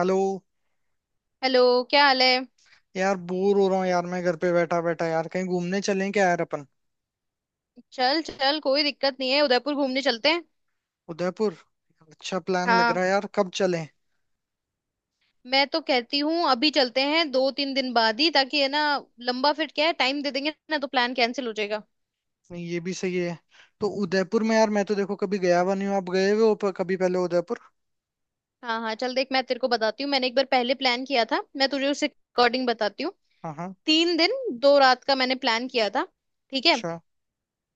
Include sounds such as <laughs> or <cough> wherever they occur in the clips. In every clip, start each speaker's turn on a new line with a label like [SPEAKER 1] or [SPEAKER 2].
[SPEAKER 1] Hello.
[SPEAKER 2] Hello. क्या हाल है?
[SPEAKER 1] यार, बोर हो रहा हूँ यार, मैं घर पे बैठा बैठा, यार कहीं घूमने चलें क्या यार अपन।
[SPEAKER 2] चल चल, कोई दिक्कत नहीं है, उदयपुर घूमने चलते हैं।
[SPEAKER 1] उदयपुर? अच्छा प्लान लग
[SPEAKER 2] हाँ,
[SPEAKER 1] रहा है यार, कब चलें?
[SPEAKER 2] मैं तो कहती हूँ अभी चलते हैं, दो तीन दिन बाद ही, ताकि है ना लंबा फिर क्या है, टाइम दे देंगे ना तो प्लान कैंसिल हो जाएगा।
[SPEAKER 1] नहीं, ये भी सही है। तो उदयपुर में यार
[SPEAKER 2] हम्म।
[SPEAKER 1] मैं तो देखो कभी गया हुआ नहीं हूँ, आप गए हुए हो कभी पहले उदयपुर?
[SPEAKER 2] हाँ हाँ चल, देख मैं तेरे को बताती हूँ, मैंने एक बार पहले प्लान किया था, मैं तुझे उससे अकॉर्डिंग बताती हूँ।
[SPEAKER 1] हाँ हाँ।
[SPEAKER 2] तीन दिन दो रात का मैंने प्लान किया था, ठीक है?
[SPEAKER 1] अच्छा।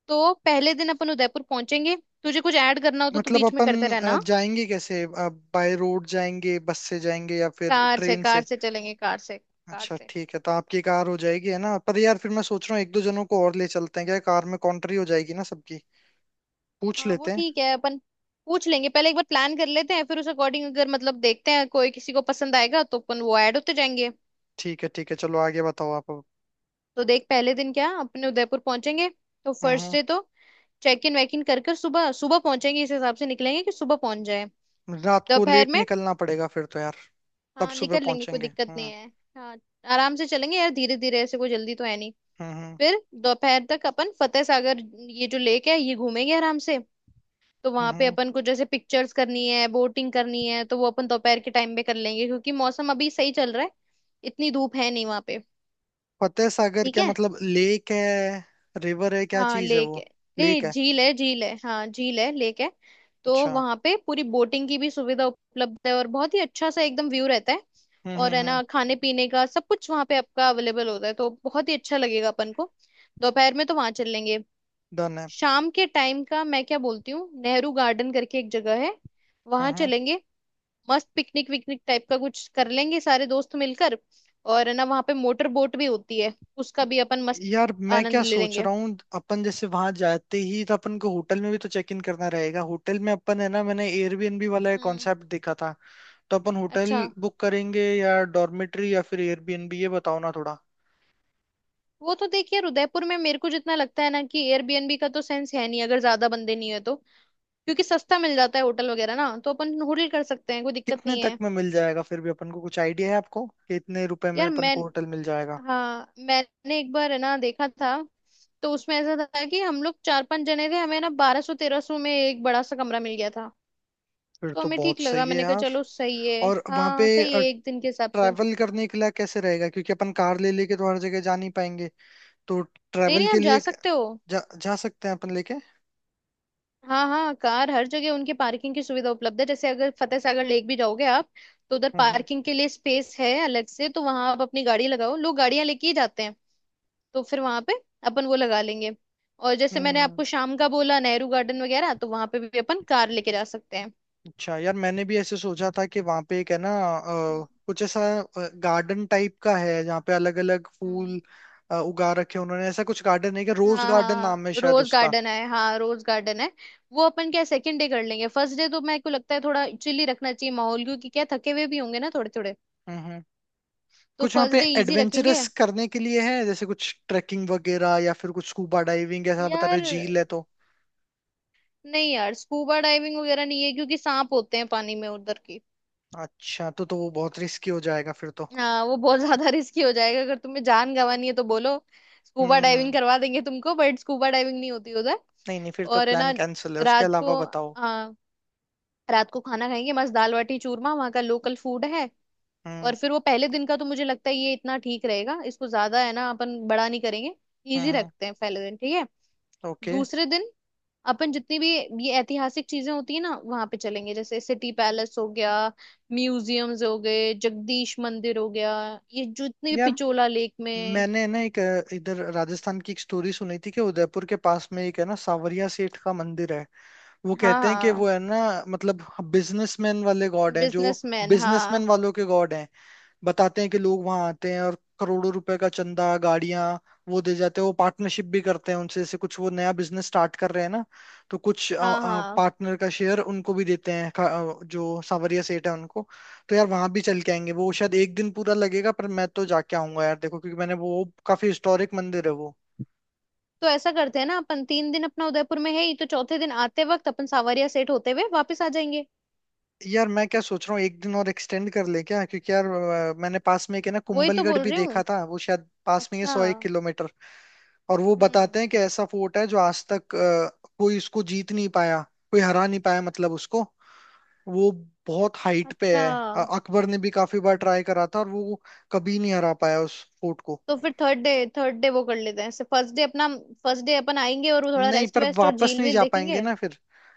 [SPEAKER 2] तो पहले दिन अपन उदयपुर पहुंचेंगे, तुझे कुछ ऐड करना हो तो तू
[SPEAKER 1] मतलब
[SPEAKER 2] बीच में
[SPEAKER 1] अपन
[SPEAKER 2] करते रहना, हाँ?
[SPEAKER 1] जाएंगे कैसे? बाय रोड जाएंगे, बस से जाएंगे या फिर
[SPEAKER 2] कार से,
[SPEAKER 1] ट्रेन
[SPEAKER 2] कार
[SPEAKER 1] से?
[SPEAKER 2] से चलेंगे, कार से कार
[SPEAKER 1] अच्छा
[SPEAKER 2] से।
[SPEAKER 1] ठीक है, तो आपकी कार हो जाएगी है ना। पर यार फिर मैं सोच रहा हूँ, एक दो जनों को और ले चलते हैं क्या, कार में कॉन्ट्री हो जाएगी ना सबकी। पूछ
[SPEAKER 2] हाँ वो
[SPEAKER 1] लेते हैं।
[SPEAKER 2] ठीक है, अपन पूछ लेंगे, पहले एक बार प्लान कर लेते हैं, फिर उस अकॉर्डिंग अगर मतलब देखते हैं कोई किसी को पसंद आएगा तो अपन वो ऐड होते जाएंगे।
[SPEAKER 1] ठीक है ठीक है, चलो आगे बताओ आप अब।
[SPEAKER 2] तो देख, पहले दिन क्या अपने उदयपुर पहुंचेंगे, तो
[SPEAKER 1] हम्म,
[SPEAKER 2] फर्स्ट
[SPEAKER 1] हम्म।
[SPEAKER 2] डे तो चेक इन वेक इन कर कर सुबह सुबह पहुंचेंगे, इस हिसाब से निकलेंगे कि सुबह पहुंच जाए।
[SPEAKER 1] रात को
[SPEAKER 2] दोपहर
[SPEAKER 1] लेट
[SPEAKER 2] में
[SPEAKER 1] निकलना पड़ेगा फिर तो यार। तब
[SPEAKER 2] हाँ
[SPEAKER 1] सुबह
[SPEAKER 2] निकल लेंगे, कोई
[SPEAKER 1] पहुंचेंगे।
[SPEAKER 2] दिक्कत नहीं है। हाँ, आराम से चलेंगे यार, धीरे धीरे, ऐसे कोई जल्दी तो है नहीं।
[SPEAKER 1] हम्म
[SPEAKER 2] फिर दोपहर तक अपन फतेह सागर, ये जो लेक है ये घूमेंगे आराम से। तो
[SPEAKER 1] हम्म।
[SPEAKER 2] वहां पे
[SPEAKER 1] हम्म।
[SPEAKER 2] अपन को जैसे पिक्चर्स करनी है, बोटिंग करनी है, तो वो अपन दोपहर के टाइम में कर लेंगे, क्योंकि मौसम अभी सही चल रहा है, इतनी धूप है नहीं वहां पे।
[SPEAKER 1] फतेह सागर
[SPEAKER 2] ठीक
[SPEAKER 1] क्या
[SPEAKER 2] है,
[SPEAKER 1] मतलब, लेक है, रिवर है, क्या
[SPEAKER 2] हाँ
[SPEAKER 1] चीज है
[SPEAKER 2] लेक
[SPEAKER 1] वो?
[SPEAKER 2] है।
[SPEAKER 1] लेक
[SPEAKER 2] नहीं,
[SPEAKER 1] है।
[SPEAKER 2] झील है, झील है, हाँ झील है, लेक है। तो
[SPEAKER 1] अच्छा।
[SPEAKER 2] वहां पे पूरी बोटिंग की भी सुविधा उपलब्ध है, और बहुत ही अच्छा सा एकदम व्यू रहता है। और है
[SPEAKER 1] हम्म।
[SPEAKER 2] ना खाने पीने का सब कुछ वहां पे आपका अवेलेबल होता है, तो बहुत ही अच्छा लगेगा अपन को। दोपहर में तो वहां चल लेंगे।
[SPEAKER 1] डन है।
[SPEAKER 2] शाम के टाइम का मैं क्या बोलती हूँ, नेहरू गार्डन करके एक जगह है,
[SPEAKER 1] हम्म
[SPEAKER 2] वहां
[SPEAKER 1] हम्म।
[SPEAKER 2] चलेंगे। मस्त पिकनिक विकनिक टाइप का कुछ कर लेंगे सारे दोस्त मिलकर, और है ना वहां पे मोटर बोट भी होती है, उसका भी अपन मस्त
[SPEAKER 1] यार मैं
[SPEAKER 2] आनंद
[SPEAKER 1] क्या
[SPEAKER 2] ले
[SPEAKER 1] सोच
[SPEAKER 2] लेंगे।
[SPEAKER 1] रहा हूँ, अपन जैसे वहां जाते ही तो अपन को होटल में भी तो चेक इन करना रहेगा। होटल में अपन, है ना, मैंने एयरबीएनबी वाला एक
[SPEAKER 2] हम्म।
[SPEAKER 1] कॉन्सेप्ट देखा था। तो अपन होटल
[SPEAKER 2] अच्छा,
[SPEAKER 1] बुक करेंगे या डॉर्मेट्री या फिर एयरबीएनबी, ये बताओ ना थोड़ा।
[SPEAKER 2] वो तो देखिए उदयपुर में मेरे को जितना लगता है ना कि एयरबीएनबी का तो सेंस है नहीं, अगर ज्यादा बंदे नहीं है तो, क्योंकि सस्ता मिल जाता है होटल वगैरह ना, तो अपन होटल कर सकते हैं, कोई दिक्कत
[SPEAKER 1] कितने
[SPEAKER 2] नहीं
[SPEAKER 1] तक
[SPEAKER 2] है।
[SPEAKER 1] में मिल जाएगा फिर भी अपन को, कुछ आइडिया है आपको कि इतने रुपए में
[SPEAKER 2] यार
[SPEAKER 1] अपन
[SPEAKER 2] मैं,
[SPEAKER 1] को होटल मिल जाएगा?
[SPEAKER 2] हाँ मैंने एक बार है ना देखा था, तो उसमें ऐसा था कि हम लोग चार पांच जने थे, हमें ना 1200 1300 में एक बड़ा सा कमरा मिल गया था।
[SPEAKER 1] फिर
[SPEAKER 2] तो
[SPEAKER 1] तो
[SPEAKER 2] हमें
[SPEAKER 1] बहुत
[SPEAKER 2] ठीक लगा,
[SPEAKER 1] सही है
[SPEAKER 2] मैंने कहा
[SPEAKER 1] यार।
[SPEAKER 2] चलो सही है,
[SPEAKER 1] और वहां पे
[SPEAKER 2] हाँ सही है एक दिन के हिसाब से।
[SPEAKER 1] ट्रैवल करने के लिए कैसे रहेगा? क्योंकि अपन कार ले लेके तो हर जगह जा नहीं पाएंगे। तो
[SPEAKER 2] नहीं
[SPEAKER 1] ट्रैवल
[SPEAKER 2] नहीं,
[SPEAKER 1] के
[SPEAKER 2] आप जा
[SPEAKER 1] लिए
[SPEAKER 2] सकते हो।
[SPEAKER 1] जा सकते हैं अपन लेके?
[SPEAKER 2] हाँ हाँ, कार हर जगह, उनके पार्किंग की सुविधा उपलब्ध है, जैसे अगर फतेह सागर लेक भी जाओगे आप, तो उधर
[SPEAKER 1] हम्म।
[SPEAKER 2] पार्किंग के लिए स्पेस है अलग से, तो वहां आप अपनी गाड़ी लगाओ, लोग गाड़ियां लेके ही जाते हैं। तो फिर वहां पे अपन वो लगा लेंगे। और जैसे मैंने
[SPEAKER 1] हम्म,
[SPEAKER 2] आपको शाम का बोला नेहरू गार्डन वगैरह, तो वहां पे भी अपन कार लेके जा सकते हैं।
[SPEAKER 1] अच्छा यार, मैंने भी ऐसे सोचा था कि वहां पे एक है ना,
[SPEAKER 2] हम्म
[SPEAKER 1] कुछ ऐसा गार्डन टाइप का है जहाँ पे अलग अलग
[SPEAKER 2] हम्म।
[SPEAKER 1] फूल उगा रखे हैं उन्होंने। ऐसा कुछ गार्डन है कि रोज
[SPEAKER 2] हाँ
[SPEAKER 1] गार्डन नाम है
[SPEAKER 2] हाँ
[SPEAKER 1] शायद
[SPEAKER 2] रोज
[SPEAKER 1] उसका।
[SPEAKER 2] गार्डन है, हाँ रोज गार्डन है। वो अपन क्या सेकंड डे कर लेंगे, फर्स्ट डे तो मेरे को लगता है थोड़ा चिल रखना चाहिए माहौल, क्योंकि क्या थके हुए भी होंगे ना थोड़े थोड़े,
[SPEAKER 1] हम्म।
[SPEAKER 2] तो
[SPEAKER 1] कुछ वहाँ पे
[SPEAKER 2] फर्स्ट डे इजी रखेंगे।
[SPEAKER 1] एडवेंचरस करने के लिए है जैसे कुछ ट्रैकिंग वगैरह या फिर कुछ स्कूबा डाइविंग, ऐसा बता रहे
[SPEAKER 2] यार
[SPEAKER 1] हो, झील है तो।
[SPEAKER 2] नहीं यार, स्कूबा डाइविंग वगैरह नहीं है, क्योंकि सांप होते हैं पानी में उधर की।
[SPEAKER 1] अच्छा, तो वो बहुत रिस्की हो जाएगा फिर तो।
[SPEAKER 2] हाँ वो बहुत ज्यादा रिस्की <laughs> हो जाएगा, अगर तुम्हें जान गंवानी है तो बोलो, स्कूबा डाइविंग
[SPEAKER 1] हम्म।
[SPEAKER 2] करवा देंगे तुमको, बट स्कूबा डाइविंग नहीं होती उधर।
[SPEAKER 1] नहीं नहीं, फिर तो
[SPEAKER 2] और है
[SPEAKER 1] प्लान
[SPEAKER 2] ना
[SPEAKER 1] कैंसिल है। उसके
[SPEAKER 2] रात को,
[SPEAKER 1] अलावा बताओ।
[SPEAKER 2] हाँ रात को खाना खाएंगे मस्त, दाल बाटी चूरमा वहाँ का लोकल फूड है।
[SPEAKER 1] हम्म
[SPEAKER 2] और फिर वो पहले दिन का तो मुझे लगता है ये इतना ठीक रहेगा, इसको ज्यादा है ना अपन बड़ा नहीं करेंगे, इजी
[SPEAKER 1] हम्म।
[SPEAKER 2] रखते हैं पहले दिन, ठीक है?
[SPEAKER 1] ओके।
[SPEAKER 2] दूसरे दिन अपन जितनी भी ये ऐतिहासिक चीजें होती है ना वहां पे चलेंगे, जैसे सिटी पैलेस हो गया, म्यूजियम्स हो गए, जगदीश मंदिर हो गया, ये जो इतनी भी
[SPEAKER 1] यार
[SPEAKER 2] पिचोला लेक में।
[SPEAKER 1] मैंने ना एक इधर राजस्थान की एक स्टोरी सुनी थी कि उदयपुर के पास में एक है ना सांवरिया सेठ का मंदिर है। वो
[SPEAKER 2] हाँ
[SPEAKER 1] कहते हैं कि
[SPEAKER 2] हाँ,
[SPEAKER 1] वो है ना, मतलब बिजनेसमैन वाले गॉड हैं जो।
[SPEAKER 2] बिजनेसमैन, हाँ
[SPEAKER 1] बिजनेसमैन वालों के गॉड हैं। बताते हैं कि लोग वहां आते हैं और करोड़ों रुपए का चंदा, गाड़ियां वो दे जाते हैं। वो पार्टनरशिप भी करते हैं उनसे, जैसे कुछ वो नया बिजनेस स्टार्ट कर रहे हैं ना, तो कुछ
[SPEAKER 2] हाँ हाँ।
[SPEAKER 1] पार्टनर का शेयर उनको भी देते हैं, जो सांवरिया सेठ है उनको। तो यार वहां भी चल के आएंगे। वो शायद एक दिन पूरा लगेगा, पर मैं तो जाके आऊंगा यार देखो, क्योंकि मैंने वो काफी हिस्टोरिक मंदिर है वो।
[SPEAKER 2] तो ऐसा करते हैं ना, अपन तीन दिन अपना उदयपुर में है ही, तो चौथे दिन आते वक्त अपन सावरिया सेट होते हुए वापस आ जाएंगे।
[SPEAKER 1] यार मैं क्या सोच रहा हूँ, एक दिन और एक्सटेंड कर ले क्या, क्योंकि यार मैंने पास में एक है ना
[SPEAKER 2] वही तो
[SPEAKER 1] कुंभलगढ़
[SPEAKER 2] बोल
[SPEAKER 1] भी
[SPEAKER 2] रही
[SPEAKER 1] देखा
[SPEAKER 2] हूँ।
[SPEAKER 1] था। वो शायद पास में ही
[SPEAKER 2] अच्छा।
[SPEAKER 1] 100 एक किलोमीटर। और वो बताते
[SPEAKER 2] हम्म।
[SPEAKER 1] हैं कि ऐसा फोर्ट है जो आज तक कोई उसको जीत नहीं पाया, कोई हरा नहीं पाया मतलब उसको। वो बहुत हाइट पे
[SPEAKER 2] अच्छा,
[SPEAKER 1] है। अकबर ने भी काफी बार ट्राई करा था और वो कभी नहीं हरा पाया उस फोर्ट को।
[SPEAKER 2] तो फिर थर्ड डे, थर्ड डे वो कर लेते हैं, ऐसे फर्स्ट डे अपना, फर्स्ट डे अपन आएंगे और वो थोड़ा
[SPEAKER 1] नहीं,
[SPEAKER 2] रेस्ट
[SPEAKER 1] पर
[SPEAKER 2] वेस्ट और
[SPEAKER 1] वापस
[SPEAKER 2] झील
[SPEAKER 1] नहीं
[SPEAKER 2] वील
[SPEAKER 1] जा पाएंगे
[SPEAKER 2] देखेंगे।
[SPEAKER 1] ना फिर,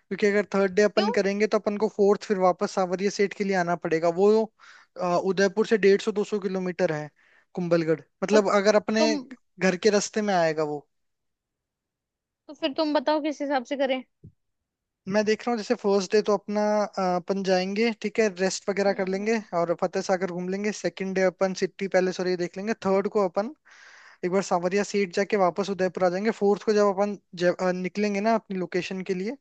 [SPEAKER 1] क्योंकि अगर थर्ड डे अपन
[SPEAKER 2] क्यों?
[SPEAKER 1] करेंगे तो अपन को फोर्थ फिर वापस सावरिया सेठ के लिए आना पड़ेगा। वो उदयपुर से 150 दो सौ किलोमीटर है कुंभलगढ़,
[SPEAKER 2] तब
[SPEAKER 1] मतलब अगर अपने
[SPEAKER 2] तुम,
[SPEAKER 1] घर के रास्ते में आएगा वो।
[SPEAKER 2] तो फिर तुम बताओ किस हिसाब से करें।
[SPEAKER 1] मैं देख रहा हूँ, जैसे फर्स्ट डे तो अपना अपन जाएंगे, ठीक है, रेस्ट वगैरह कर
[SPEAKER 2] हम्म
[SPEAKER 1] लेंगे
[SPEAKER 2] हम्म
[SPEAKER 1] और फतेह सागर घूम लेंगे। सेकंड डे अपन सिटी पैलेस और ये देख लेंगे। थर्ड को अपन एक बार सांवरिया सीट जाके वापस उदयपुर आ जाएंगे। फोर्थ को जब अपन निकलेंगे ना अपनी लोकेशन के लिए,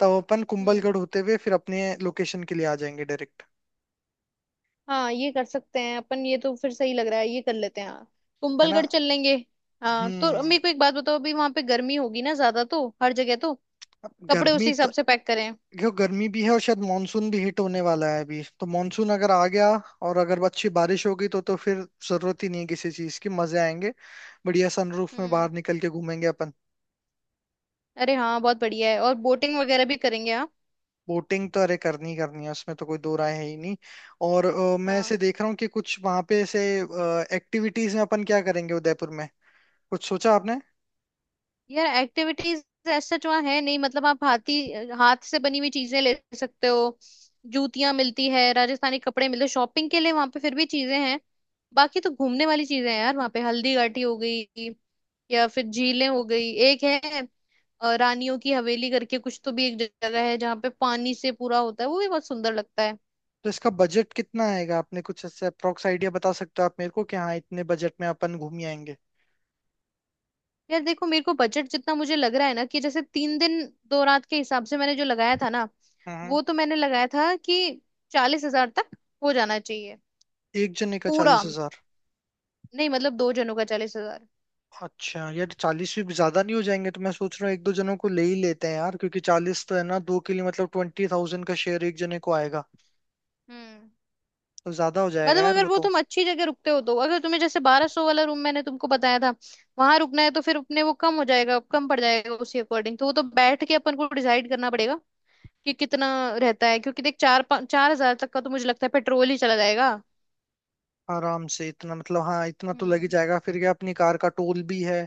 [SPEAKER 1] तब अपन
[SPEAKER 2] हम्म।
[SPEAKER 1] कुंभलगढ़ होते हुए फिर अपने लोकेशन के लिए आ जाएंगे डायरेक्ट।
[SPEAKER 2] हाँ ये कर सकते हैं अपन, ये तो फिर सही लग रहा है, ये कर लेते हैं हाँ,
[SPEAKER 1] है ना?
[SPEAKER 2] कुंभलगढ़ चल लेंगे। हाँ तो
[SPEAKER 1] हम्म।
[SPEAKER 2] मेरे को एक बात बताओ, अभी वहां पे गर्मी होगी ना ज्यादा तो हर जगह तो,
[SPEAKER 1] अब
[SPEAKER 2] कपड़े
[SPEAKER 1] गर्मी
[SPEAKER 2] उसी
[SPEAKER 1] तो
[SPEAKER 2] हिसाब से पैक करें?
[SPEAKER 1] क्यों, गर्मी भी है और शायद मानसून भी हिट होने वाला है अभी। तो मानसून अगर आ गया और अगर अच्छी बारिश हो गई तो फिर जरूरत ही नहीं है किसी चीज की, मजे आएंगे। बढ़िया सनरूफ में
[SPEAKER 2] हम्म।
[SPEAKER 1] बाहर निकल के घूमेंगे अपन।
[SPEAKER 2] अरे हाँ, बहुत बढ़िया है, और बोटिंग वगैरह भी करेंगे, हाँ
[SPEAKER 1] बोटिंग तो अरे करनी ही करनी है, उसमें तो कोई दो राय है ही नहीं। और मैं ऐसे
[SPEAKER 2] हाँ।
[SPEAKER 1] देख रहा हूँ कि कुछ वहां पे ऐसे एक्टिविटीज में अपन क्या करेंगे उदयपुर में, कुछ सोचा आपने?
[SPEAKER 2] यार एक्टिविटीज ऐसा जो है नहीं, मतलब आप हाथी, हाथ से बनी हुई चीजें ले सकते हो, जूतियां मिलती है, राजस्थानी कपड़े मिलते हैं, शॉपिंग के लिए वहां पे फिर भी चीजें हैं। बाकी तो घूमने वाली चीजें हैं यार वहां पे, हल्दी घाटी हो गई, या फिर झीलें हो गई, एक है रानियों की हवेली करके कुछ तो भी एक जगह है, जहाँ पे पानी से पूरा होता है, वो भी बहुत सुंदर लगता है।
[SPEAKER 1] तो इसका बजट कितना आएगा, आपने कुछ ऐसे अप्रोक्स आइडिया बता सकते हो आप मेरे को, कि हाँ इतने बजट में अपन घूम ही आएंगे?
[SPEAKER 2] यार देखो, मेरे को बजट जितना मुझे लग रहा है ना कि जैसे तीन दिन दो रात के हिसाब से मैंने जो लगाया था ना,
[SPEAKER 1] हम्म।
[SPEAKER 2] वो तो मैंने लगाया था कि 40,000 तक हो जाना चाहिए।
[SPEAKER 1] एक जने का
[SPEAKER 2] पूरा,
[SPEAKER 1] 40,000?
[SPEAKER 2] नहीं मतलब दो जनों का 40,000।
[SPEAKER 1] अच्छा यार, 40 भी ज्यादा नहीं हो जाएंगे? तो मैं सोच रहा हूँ एक दो जनों को ले ही लेते हैं यार, क्योंकि 40 तो है ना दो के लिए, मतलब 20,000 का शेयर एक जने को आएगा,
[SPEAKER 2] हम्म,
[SPEAKER 1] तो ज्यादा हो जाएगा
[SPEAKER 2] मतलब
[SPEAKER 1] यार
[SPEAKER 2] अगर
[SPEAKER 1] वो
[SPEAKER 2] वो
[SPEAKER 1] तो।
[SPEAKER 2] तुम अच्छी जगह रुकते हो, तो अगर तुम्हें जैसे 1200 वाला रूम मैंने तुमको बताया था वहां रुकना है, तो फिर अपने वो कम हो जाएगा, कम पड़ जाएगा उसी अकॉर्डिंग, तो वो तो बैठ के अपन को डिसाइड करना पड़ेगा कि कितना रहता है। क्योंकि देख, 4,000 तक का तो मुझे लगता है पेट्रोल ही चला जाएगा।
[SPEAKER 1] आराम से इतना मतलब, हाँ इतना तो लग ही
[SPEAKER 2] हम्म,
[SPEAKER 1] जाएगा, फिर क्या अपनी कार का टोल भी है,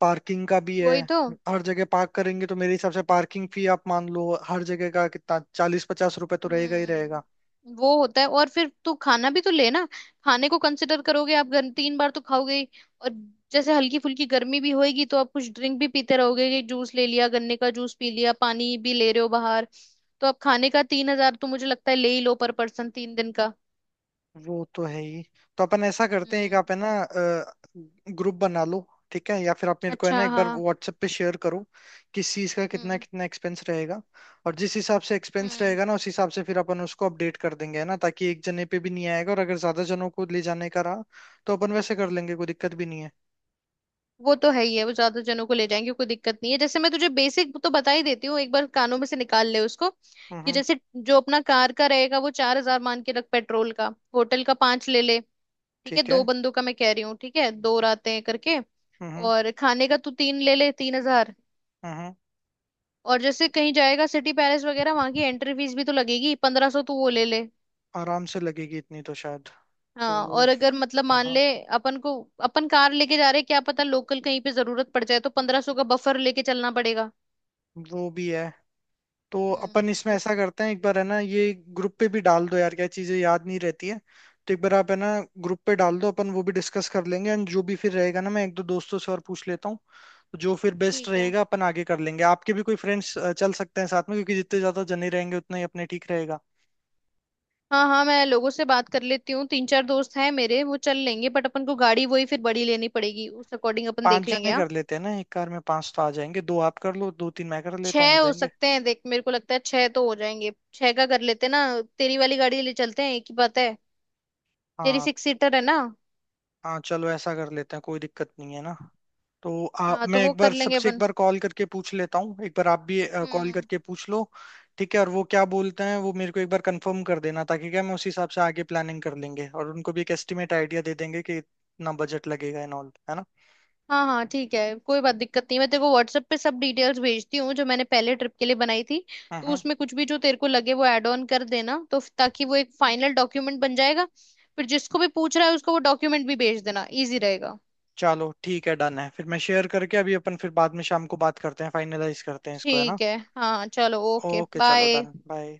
[SPEAKER 1] पार्किंग का भी है।
[SPEAKER 2] वही तो।
[SPEAKER 1] हर जगह पार्क करेंगे तो मेरे हिसाब से पार्किंग फी आप मान लो हर जगह का, कितना, 40-50 रुपए तो रहेगा ही रहेगा।
[SPEAKER 2] हम्म, वो होता है, और फिर तू खाना भी तो ले ना, खाने को कंसिडर करोगे आप, घर तीन बार तो खाओगे ही। और जैसे हल्की फुल्की गर्मी भी होएगी, तो आप कुछ ड्रिंक भी पीते रहोगे, कि जूस ले लिया, गन्ने का जूस पी लिया, पानी भी ले रहे हो बाहर, तो आप खाने का तीन हजार तो मुझे लगता है ले ही लो पर पर्सन तीन दिन का।
[SPEAKER 1] वो तो है ही। तो अपन ऐसा करते हैं, एक
[SPEAKER 2] हम्म।
[SPEAKER 1] आप है ना ग्रुप बना लो, ठीक है, या फिर आप मेरे को है
[SPEAKER 2] अच्छा।
[SPEAKER 1] ना एक बार
[SPEAKER 2] हाँ।
[SPEAKER 1] व्हाट्सएप पे शेयर करो किस चीज का कितना
[SPEAKER 2] हम्म
[SPEAKER 1] कितना एक्सपेंस रहेगा। और जिस हिसाब से एक्सपेंस
[SPEAKER 2] हम्म।
[SPEAKER 1] रहेगा ना, उस हिसाब से फिर अपन उसको अपडेट कर देंगे, है ना, ताकि एक जने पे भी नहीं आएगा। और अगर ज्यादा जनों को ले जाने का रहा, तो अपन वैसे कर लेंगे, कोई दिक्कत भी नहीं है।
[SPEAKER 2] वो तो है ही है, वो ज्यादा जनों को ले जाएंगे कोई दिक्कत नहीं है। जैसे मैं तुझे बेसिक तो बता ही देती हूँ, एक बार कानों में से निकाल ले उसको, कि
[SPEAKER 1] हम्म।
[SPEAKER 2] जैसे जो अपना कार का रहेगा वो 4,000 मान के रख पेट्रोल का, होटल का पांच ले ले, ठीक है?
[SPEAKER 1] ठीक
[SPEAKER 2] दो
[SPEAKER 1] है।
[SPEAKER 2] बंदों का मैं कह रही हूँ, ठीक है, दो रातें करके।
[SPEAKER 1] हम्म
[SPEAKER 2] और खाने का तू तीन ले ले, 3,000।
[SPEAKER 1] हम्म। हम्म।
[SPEAKER 2] और जैसे कहीं जाएगा सिटी पैलेस वगैरह, वहां की एंट्री फीस भी तो लगेगी, 1500 तू वो ले ले।
[SPEAKER 1] आराम से लगेगी इतनी तो शायद।
[SPEAKER 2] हाँ,
[SPEAKER 1] तो
[SPEAKER 2] और अगर मतलब मान
[SPEAKER 1] हाँ,
[SPEAKER 2] ले अपन को, अपन कार लेके जा रहे हैं, क्या पता लोकल कहीं पे जरूरत पड़ जाए, तो 1500 का बफर लेके चलना पड़ेगा।
[SPEAKER 1] वो भी है। तो अपन
[SPEAKER 2] हम्म।
[SPEAKER 1] इसमें ऐसा करते हैं, एक बार है ना ये ग्रुप पे भी डाल दो यार, क्या चीजें याद नहीं रहती है। तो एक बार आप है ना ग्रुप पे डाल दो, अपन वो भी डिस्कस कर लेंगे एंड जो भी फिर रहेगा ना, मैं एक दो दोस्तों से और पूछ लेता हूँ। तो जो फिर बेस्ट
[SPEAKER 2] ठीक है,
[SPEAKER 1] रहेगा अपन आगे कर लेंगे। आपके भी कोई फ्रेंड्स चल सकते हैं साथ में, क्योंकि जितने ज्यादा जने रहेंगे उतना ही अपने ठीक रहेगा।
[SPEAKER 2] हाँ हाँ मैं लोगों से बात कर लेती हूँ, तीन चार दोस्त हैं मेरे, वो चल लेंगे, बट अपन को गाड़ी वही फिर बड़ी लेनी पड़ेगी, उस अकॉर्डिंग अपन
[SPEAKER 1] पांच
[SPEAKER 2] देख लेंगे,
[SPEAKER 1] जने
[SPEAKER 2] हाँ।
[SPEAKER 1] कर लेते हैं ना, एक कार में पांच तो आ जाएंगे, दो आप कर लो, दो तीन मैं कर लेता हूँ, हो
[SPEAKER 2] छह हो
[SPEAKER 1] जाएंगे।
[SPEAKER 2] सकते हैं देख, मेरे को लगता है छह तो हो जाएंगे, छह का कर लेते हैं ना, तेरी वाली गाड़ी ले चलते हैं, एक ही बात है। तेरी
[SPEAKER 1] हाँ
[SPEAKER 2] सिक्स सीटर है ना?
[SPEAKER 1] हाँ, चलो ऐसा कर लेते हैं, कोई दिक्कत नहीं है ना। तो आप,
[SPEAKER 2] हाँ तो
[SPEAKER 1] मैं
[SPEAKER 2] वो
[SPEAKER 1] एक
[SPEAKER 2] कर
[SPEAKER 1] बार
[SPEAKER 2] लेंगे
[SPEAKER 1] सबसे एक
[SPEAKER 2] अपन।
[SPEAKER 1] बार कॉल करके पूछ लेता हूँ, एक बार आप भी कॉल
[SPEAKER 2] हम्म।
[SPEAKER 1] करके पूछ लो। ठीक है, और वो क्या बोलते हैं वो मेरे को एक बार कंफर्म कर देना, ताकि क्या मैं उस हिसाब से आगे प्लानिंग कर लेंगे और उनको भी एक एस्टिमेट आइडिया दे देंगे कि इतना बजट लगेगा एंड ऑल, है ना।
[SPEAKER 2] हाँ हाँ ठीक है, कोई बात दिक्कत नहीं, मैं तेरे को व्हाट्सएप पे सब डिटेल्स भेजती हूँ जो मैंने पहले ट्रिप के लिए बनाई थी।
[SPEAKER 1] हम्म
[SPEAKER 2] तो
[SPEAKER 1] हम्म।
[SPEAKER 2] उसमें कुछ भी जो तेरे को लगे वो ऐड ऑन कर देना, तो ताकि वो एक फाइनल डॉक्यूमेंट बन जाएगा, फिर जिसको भी पूछ रहा है उसको वो डॉक्यूमेंट भी भेज देना, इजी रहेगा।
[SPEAKER 1] चलो ठीक है डन है, फिर मैं शेयर करके अभी, अपन फिर बाद में शाम को बात करते हैं, फाइनलाइज करते हैं इसको, है ना।
[SPEAKER 2] ठीक है, हाँ चलो, ओके
[SPEAKER 1] ओके, चलो
[SPEAKER 2] बाय।
[SPEAKER 1] Done, bye.